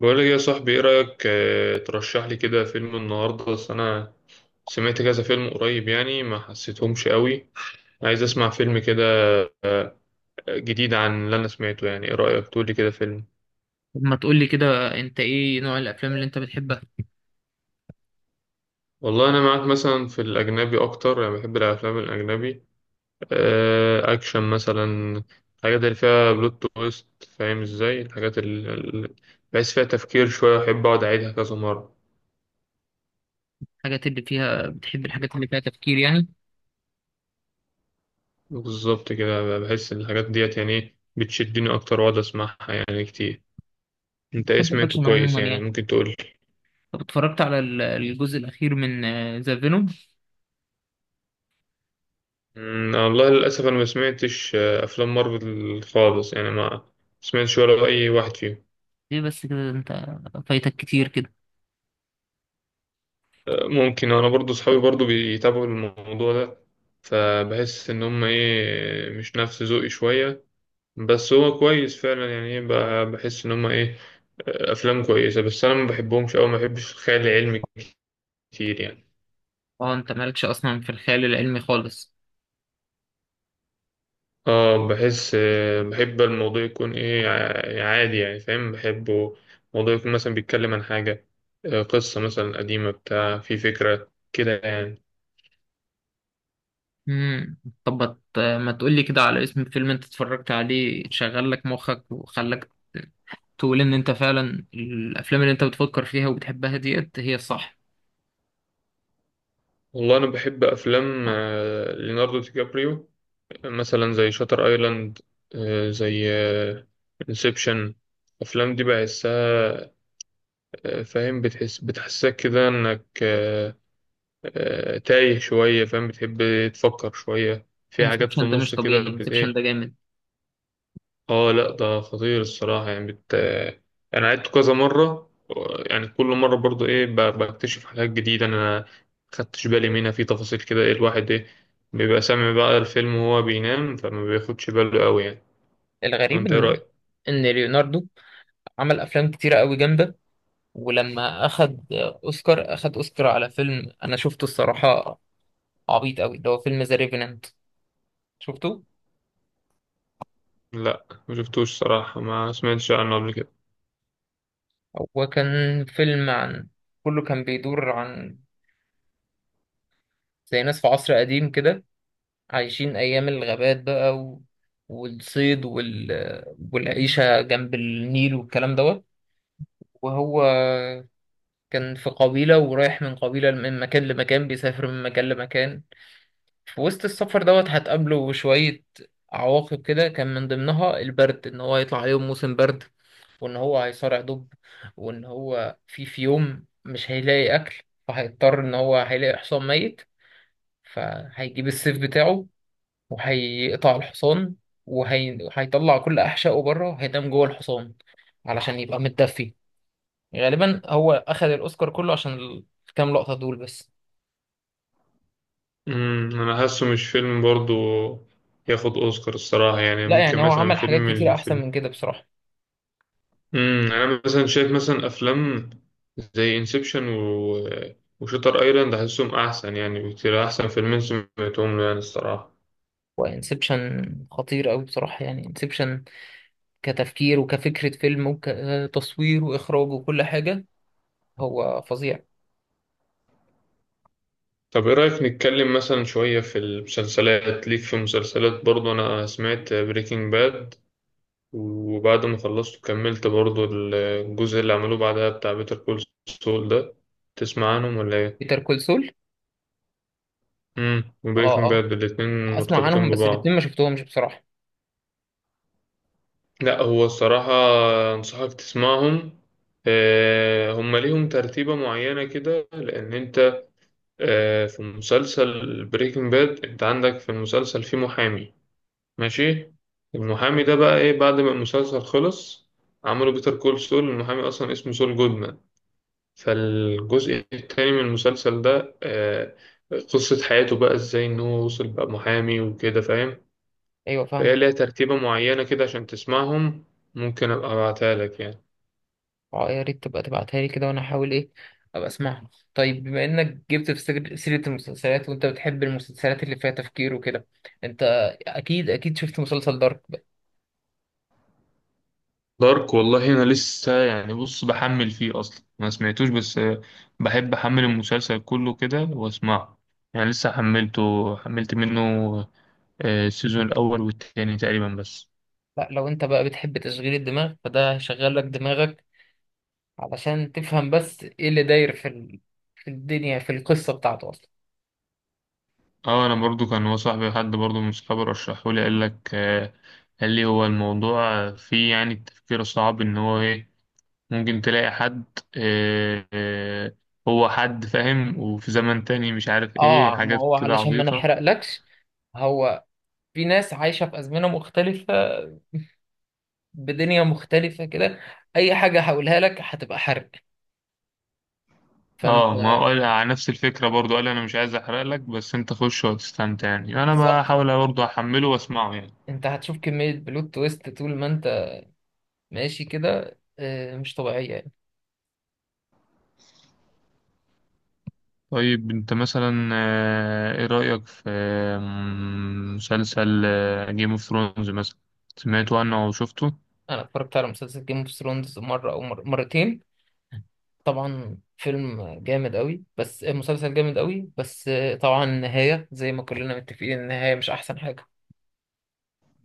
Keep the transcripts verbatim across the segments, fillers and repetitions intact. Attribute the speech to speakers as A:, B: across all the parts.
A: بقول لك يا صاحبي، ايه رأيك آه، ترشح لي كده فيلم النهارده؟ بس انا سمعت كذا فيلم قريب يعني ما حسيتهمش قوي. عايز اسمع فيلم كده جديد عن اللي انا سمعته، يعني ايه رأيك تقول لي كده فيلم؟
B: طب، ما تقولي كده، انت ايه نوع الافلام اللي انت بتحبها؟
A: والله انا معاك، مثلا في الاجنبي اكتر، يعني بحب الافلام الاجنبي آه، اكشن مثلا. الحاجات اللي فيها بلوت تويست، فاهم ازاي؟ الحاجات اللي بحس فيها تفكير شوية احب اقعد اعيدها كذا مرة.
B: الحاجات اللي فيها بتحب الحاجات اللي فيها تفكير، يعني؟
A: بالظبط كده، بحس إن الحاجات ديت يعني إيه، بتشدني اكتر واقعد اسمعها يعني كتير. انت ايه
B: بتحب
A: سمعته
B: الاكشن
A: كويس
B: عموما
A: يعني؟
B: يعني؟
A: ممكن تقول لي؟
B: طب، اتفرجت على ال- الجزء الاخير من آه، ذا فينوم؟
A: أمم، والله للاسف انا ما سمعتش آه، افلام مارفل خالص، يعني ما سمعتش ولا اي واحد فيهم.
B: ليه بس كده؟ انت فايتك كتير كده.
A: آه، ممكن. انا برضو صحابي برضو بيتابعوا الموضوع ده، فبحس ان هم ايه مش نفس ذوقي شويه. بس هو كويس فعلا يعني، ايه ب- بحس ان هم ايه آه، افلام كويسه، بس انا ما بحبهمش او ما بحبش الخيال العلمي كتير يعني.
B: اه، انت مالكش اصلا في الخيال العلمي خالص؟
A: اه، بحس آه، بحب الموضوع يكون ايه ع- عادي، يعني فاهم بحبه. الموضوع يكون مثلا بيتكلم عن حاجة، آه، قصة مثلا قديمة، بتاع في فكرة كده يعني.
B: امم. طب، ما ت- ما تقولي كده على اسم فيلم انت اتفرجت عليه، شغل لك مخك وخلاك تقول ان انت فعلا الافلام اللي انت بتفكر فيها وبتحبها ديت هي الصح.
A: والله أنا بحب أفلام آه، ليوناردو دي كابريو، مثلا زي شاتر آيلاند، آه، زي انسبشن. الأفلام دي بحسها، آه، فاهم؟ بتحس بتحسسك كده إنك آه، آه، تايه شوية، فاهم؟ بتحب تفكر شوية في حاجات في
B: انسبشن ده مش
A: النص كده
B: طبيعي.
A: بت-
B: انسبشن
A: إيه.
B: ده جامد.
A: اه لا، ده خطير الصراحة يعني بت... انا عدت كذا مرة. يعني كل مرة برضو ايه، ب... بكتشف حاجات جديدة انا ما خدتش بالي منها في تفاصيل كده. ايه، الواحد ايه بيبقى سامع بقى الفيلم وهو بينام، فما بياخدش باله قوي يعني.
B: الغريب
A: وانت ايه
B: ان
A: رأيك؟
B: ان ليوناردو عمل افلام كتيره قوي جامده، ولما اخد اوسكار، اخد اوسكار على فيلم انا شفته الصراحه عبيط قوي. ده هو فيلم ذا ريفينانت. شفته؟
A: لا، ما شفتوش صراحة، ما سمعتش عنه قبل كده.
B: هو كان فيلم عن... كله كان بيدور عن زي ناس في عصر قديم كده، عايشين ايام الغابات بقى و... والصيد وال... والعيشه جنب النيل والكلام دوت. وهو كان في قبيله، ورايح من قبيله من مكان لمكان، بيسافر من مكان لمكان. في وسط السفر دوت هتقابله شوية عواقب كده، كان من ضمنها البرد، إن هو هيطلع عليهم موسم برد، وإن هو هيصارع دب، وإن هو في في يوم مش هيلاقي أكل، فهيضطر إن هو هيلاقي حصان ميت، فهيجيب السيف بتاعه وهيقطع الحصان، وهيطلع كل أحشائه بره، هينام جوه الحصان علشان يبقى متدفي. غالبا هو أخد الأوسكار كله عشان الكام لقطة دول بس.
A: امم انا حاسه مش فيلم برضو ياخد اوسكار الصراحة، يعني
B: لا،
A: ممكن
B: يعني هو
A: مثلا
B: عمل حاجات
A: فيلم
B: كتير أحسن
A: الفيلم.
B: من كده بصراحة.
A: امم انا مثلا شايف مثلا افلام زي انسبشن و... وشاتر ايلاند، احسهم احسن يعني بكتير، احسن فيلمين سمعتهم له يعني الصراحه.
B: وانسبشن خطير قوي بصراحة، يعني انسبشن كتفكير وكفكرة فيلم وكتصوير واخراج وكل حاجة، هو فظيع.
A: طب ايه رايك نتكلم مثلا شويه في المسلسلات؟ ليك في المسلسلات برضه، انا سمعت بريكنج باد، وبعد ما خلصت كملت برضه الجزء اللي عملوه بعدها بتاع بيتر كول سول ده. تسمع عنهم ولا ايه؟
B: بيتر كول سول؟
A: امم
B: اه،
A: وبريكنج
B: اه،
A: باد الاتنين
B: اسمع
A: مرتبطين
B: عنهم، بس الاتنين
A: ببعض.
B: ما شفتهمش بصراحة.
A: لا، هو الصراحة أنصحك تسمعهم. آه، هم ليهم ترتيبة معينة كده، لأن أنت آه، في مسلسل بريكنج باد أنت عندك في المسلسل في محامي، ماشي. المحامي ده بقى إيه بعد ما المسلسل خلص؟ عملوا بيتر كول سول. المحامي أصلا اسمه سول جودمان، فالجزء التاني من المسلسل ده آه، قصة حياته بقى إزاي إن هو وصل بقى محامي وكده، فاهم؟
B: ايوه،
A: فهي
B: فاهمك.
A: ليها ترتيبة معينة كده عشان تسمعهم، ممكن أبقى أبعتها لك يعني.
B: اه، يا ريت تبقى تبعتها لي كده، وانا احاول ايه ابقى اسمعها. طيب، بما انك جبت في سر- سيرة المسلسلات، وانت بتحب المسلسلات اللي فيها تفكير وكده، انت اكيد اكيد شفت مسلسل دارك بقى.
A: دارك، والله انا لسه يعني، بص، بحمل فيه اصلا، ما سمعتوش بس. آه، بحب احمل المسلسل كله كده واسمعه. يعني لسه حملته، حملت منه آه، السيزون الاول والتاني تقريبا بس.
B: لا، لو انت بقى بتحب تشغيل الدماغ، فده هيشغل لك دماغك علشان تفهم بس ايه اللي داير في ال... في الدنيا، في القصة بتاعته اصلا.
A: اه، انا برضو كان هو صاحبي، حد برضو من صحابي رشحه لي. قال لك آه، قال لي هو الموضوع فيه يعني التفكير الصعب ان هو ايه ممكن تلاقي حد آه، آه، هو حد فاهم وفي زمن تاني مش عارف ايه،
B: اه، ما
A: حاجات
B: هو
A: كده
B: علشان ما
A: عبيطة.
B: نحرقلكش، هو في ناس عايشة في أزمنة مختلفة، بدنيا مختلفة كده. أي حاجة هقولها لك هتبقى حرق، فأنت...
A: اه، ما هو قال على نفس الفكرة برضو. قال انا مش عايز احرق لك بس انت خش وتستمتع يعني. انا
B: بالظبط.
A: بحاول برضو احمله واسمعه يعني.
B: أنت هتشوف كمية بلوت تويست طول ما أنت ماشي كده، آه، مش طبيعية يعني.
A: طيب انت مثلا آه، ايه رأيك في آه، مسلسل جيم اوف ثرونز مثلا؟ سمعته عنه او شفته؟
B: أنا اتفرجت على مسلسل جيم اوف ثرونز مرة أو مر... مرتين. طبعا فيلم جامد قوي، بس مسلسل جامد قوي، بس طبعا النهاية زي ما كلنا متفقين، النهاية مش أحسن حاجة.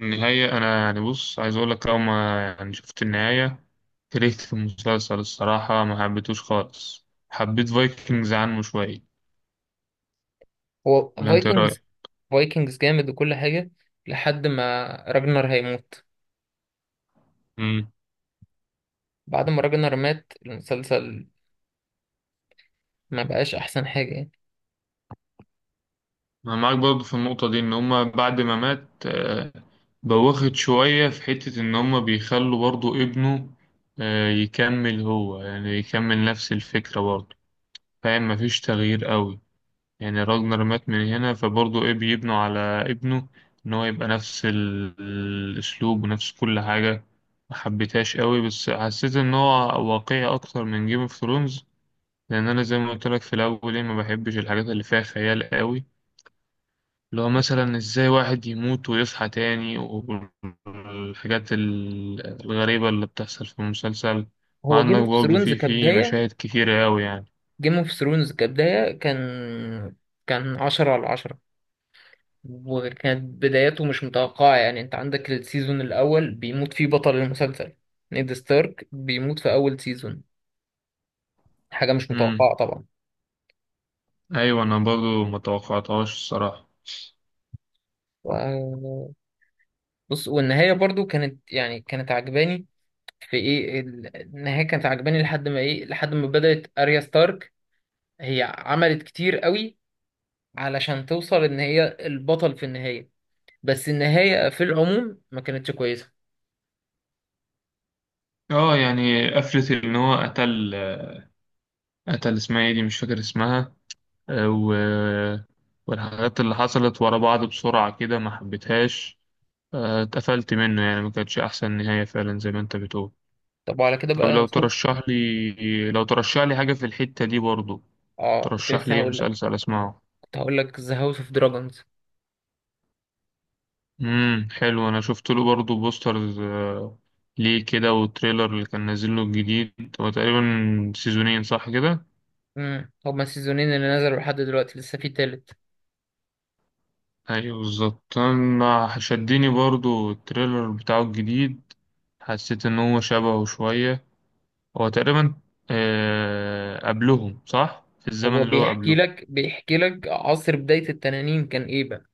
A: النهاية، انا يعني بص عايز اقول لك، اول ما يعني شفت النهاية كرهت في المسلسل الصراحة، ما حبيتوش خالص، حبيت فايكنجز عنه شوية،
B: هو
A: ولا انت ايه رأيك؟
B: فايكنجز؟ فايكنجز جامد وكل حاجة لحد ما راجنر هيموت. بعد ما راجنر مات، المسلسل ما بقاش أحسن حاجة يعني.
A: أنا معاك برضه في النقطة دي، إن هما بعد ما مات آه، بوخت شوية في حتة إن هما بيخلوا برضه ابنه آه، يكمل هو، يعني يكمل نفس الفكرة برضه، فاهم؟ مفيش تغيير قوي. يعني راجنر مات من هنا فبرضه إيه، بيبنوا على ابنه إن هو يبقى نفس ال- الأسلوب ونفس كل حاجة. محبتهاش قوي، بس حسيت إن هو واقعي أكتر من جيم اوف ثرونز. لأن أنا زي ما قلت لك في الأول، إيه، ما بحبش الحاجات اللي فيها خيال قوي، اللي هو مثلا ازاي واحد يموت ويصحى تاني، والحاجات ال- الغريبة اللي بتحصل في المسلسل.
B: هو جيم
A: وعندك
B: اوف
A: برضه
B: ثرونز
A: في في
B: كبداية
A: مشاهد كتيرة أوي يعني.
B: جيم اوف ثرونز كبداية كان كان عشرة على عشرة، وكانت بدايته مش متوقعة. يعني انت عندك السيزون الأول بيموت فيه بطل المسلسل. نيد ستارك بيموت في أول سيزون، حاجة مش
A: امم.
B: متوقعة طبعا.
A: أيوة، أنا برضه ما توقعتهاش الصراحة.
B: و- بص، والنهاية برضو كانت، يعني كانت عجباني في ايه ال- النهاية، كانت عجباني لحد ما ايه، لحد ما بدأت أريا ستارك. هي عملت كتير قوي علشان توصل ان هي البطل في النهاية، بس النهاية في العموم ما كانتش كويسة.
A: اه، يعني قفلة إن هو قتل قتل اسمها ايه دي، مش فاكر اسمها آه، و... والحاجات اللي حصلت ورا بعض بسرعة كده ما حبيتهاش. آه، اتقفلت منه يعني، ما كانتش أحسن نهاية فعلا زي ما أنت بتقول.
B: طب، وعلى كده
A: طب
B: بقى
A: لو
B: يا سوق،
A: ترشح لي لو ترشح لي حاجة في الحتة دي برضو،
B: اه، كنت
A: ترشح
B: لسه
A: لي ايه
B: هقول لك،
A: مسلسل اسمعه؟
B: كنت هقول لك ذا هاوس اوف دراجونز.
A: امم، حلو. انا شفت له برضو بوسترز، آه، ليه كده، والتريلر اللي كان نازل له الجديد، هو تقريبا سيزونين صح كده؟
B: امم، هما السيزونين اللي نزلوا لحد دلوقتي، لسه في تالت.
A: ايوه بالظبط، انا شدني برضو التريلر بتاعه الجديد. حسيت ان هو شبهه شوية، هو تقريبا آه، قبلهم صح، في الزمن
B: هو
A: اللي هو
B: بيحكي
A: قبله.
B: لك بيحكي لك عصر بداية التنانين كان ايه بقى،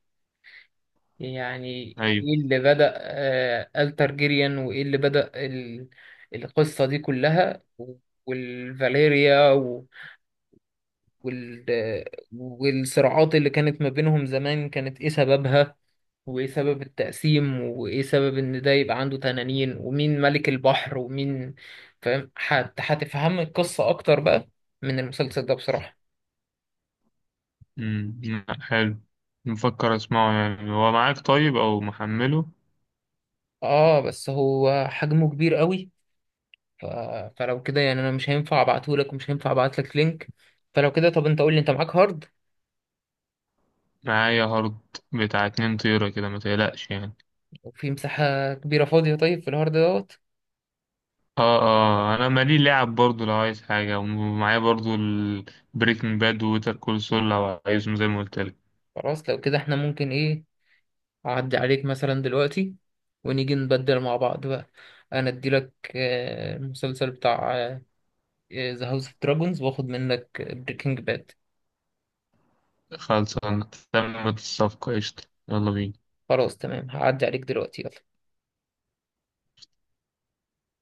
B: يعني
A: ايوه.
B: ايه اللي بدأ آه الترجيريان، وايه اللي بدأ ال... القصة دي كلها و- والفاليريا و... وال... والصراعات اللي كانت ما بينهم زمان كانت ايه سببها، وايه سبب التقسيم، وايه سبب ان ده يبقى عنده تنانين، ومين ملك البحر ومين، فاهم؟ هت... هتفهم القصة اكتر بقى من المسلسل ده بصراحة.
A: امم، لأ، حلو. مفكر اسمعه يعني. هو معاك طيب او محمله؟
B: اه، بس هو حجمه كبير قوي، ف... فلو كده يعني انا مش هينفع ابعتهولك، ومش هينفع ابعتلك لينك. فلو كده، طب انت قول لي، انت معاك هارد
A: معايا هارد بتاع اتنين طيرة كده، ما تقلقش يعني.
B: وفي مساحة كبيرة فاضية؟ طيب، في الهارد دوت.
A: اه، اه، انا مالي لعب برضو لو عايز حاجة، ومعايا برضو البريكنج باد ووتر كول سول لو عايزهم زي ما قلت لك.
B: خلاص، لو كده احنا ممكن ايه، اعدي عليك مثلا دلوقتي ونيجي نبدل مع بعض بقى. انا اديلك آه، المسلسل بتاع ذا هاوس اوف دراجونز، واخد منك بريكنج باد.
A: خلصانة، تمت الصفقة، قشطة، يلا بينا.
B: خلاص، تمام. هعدي عليك دلوقتي، يلا.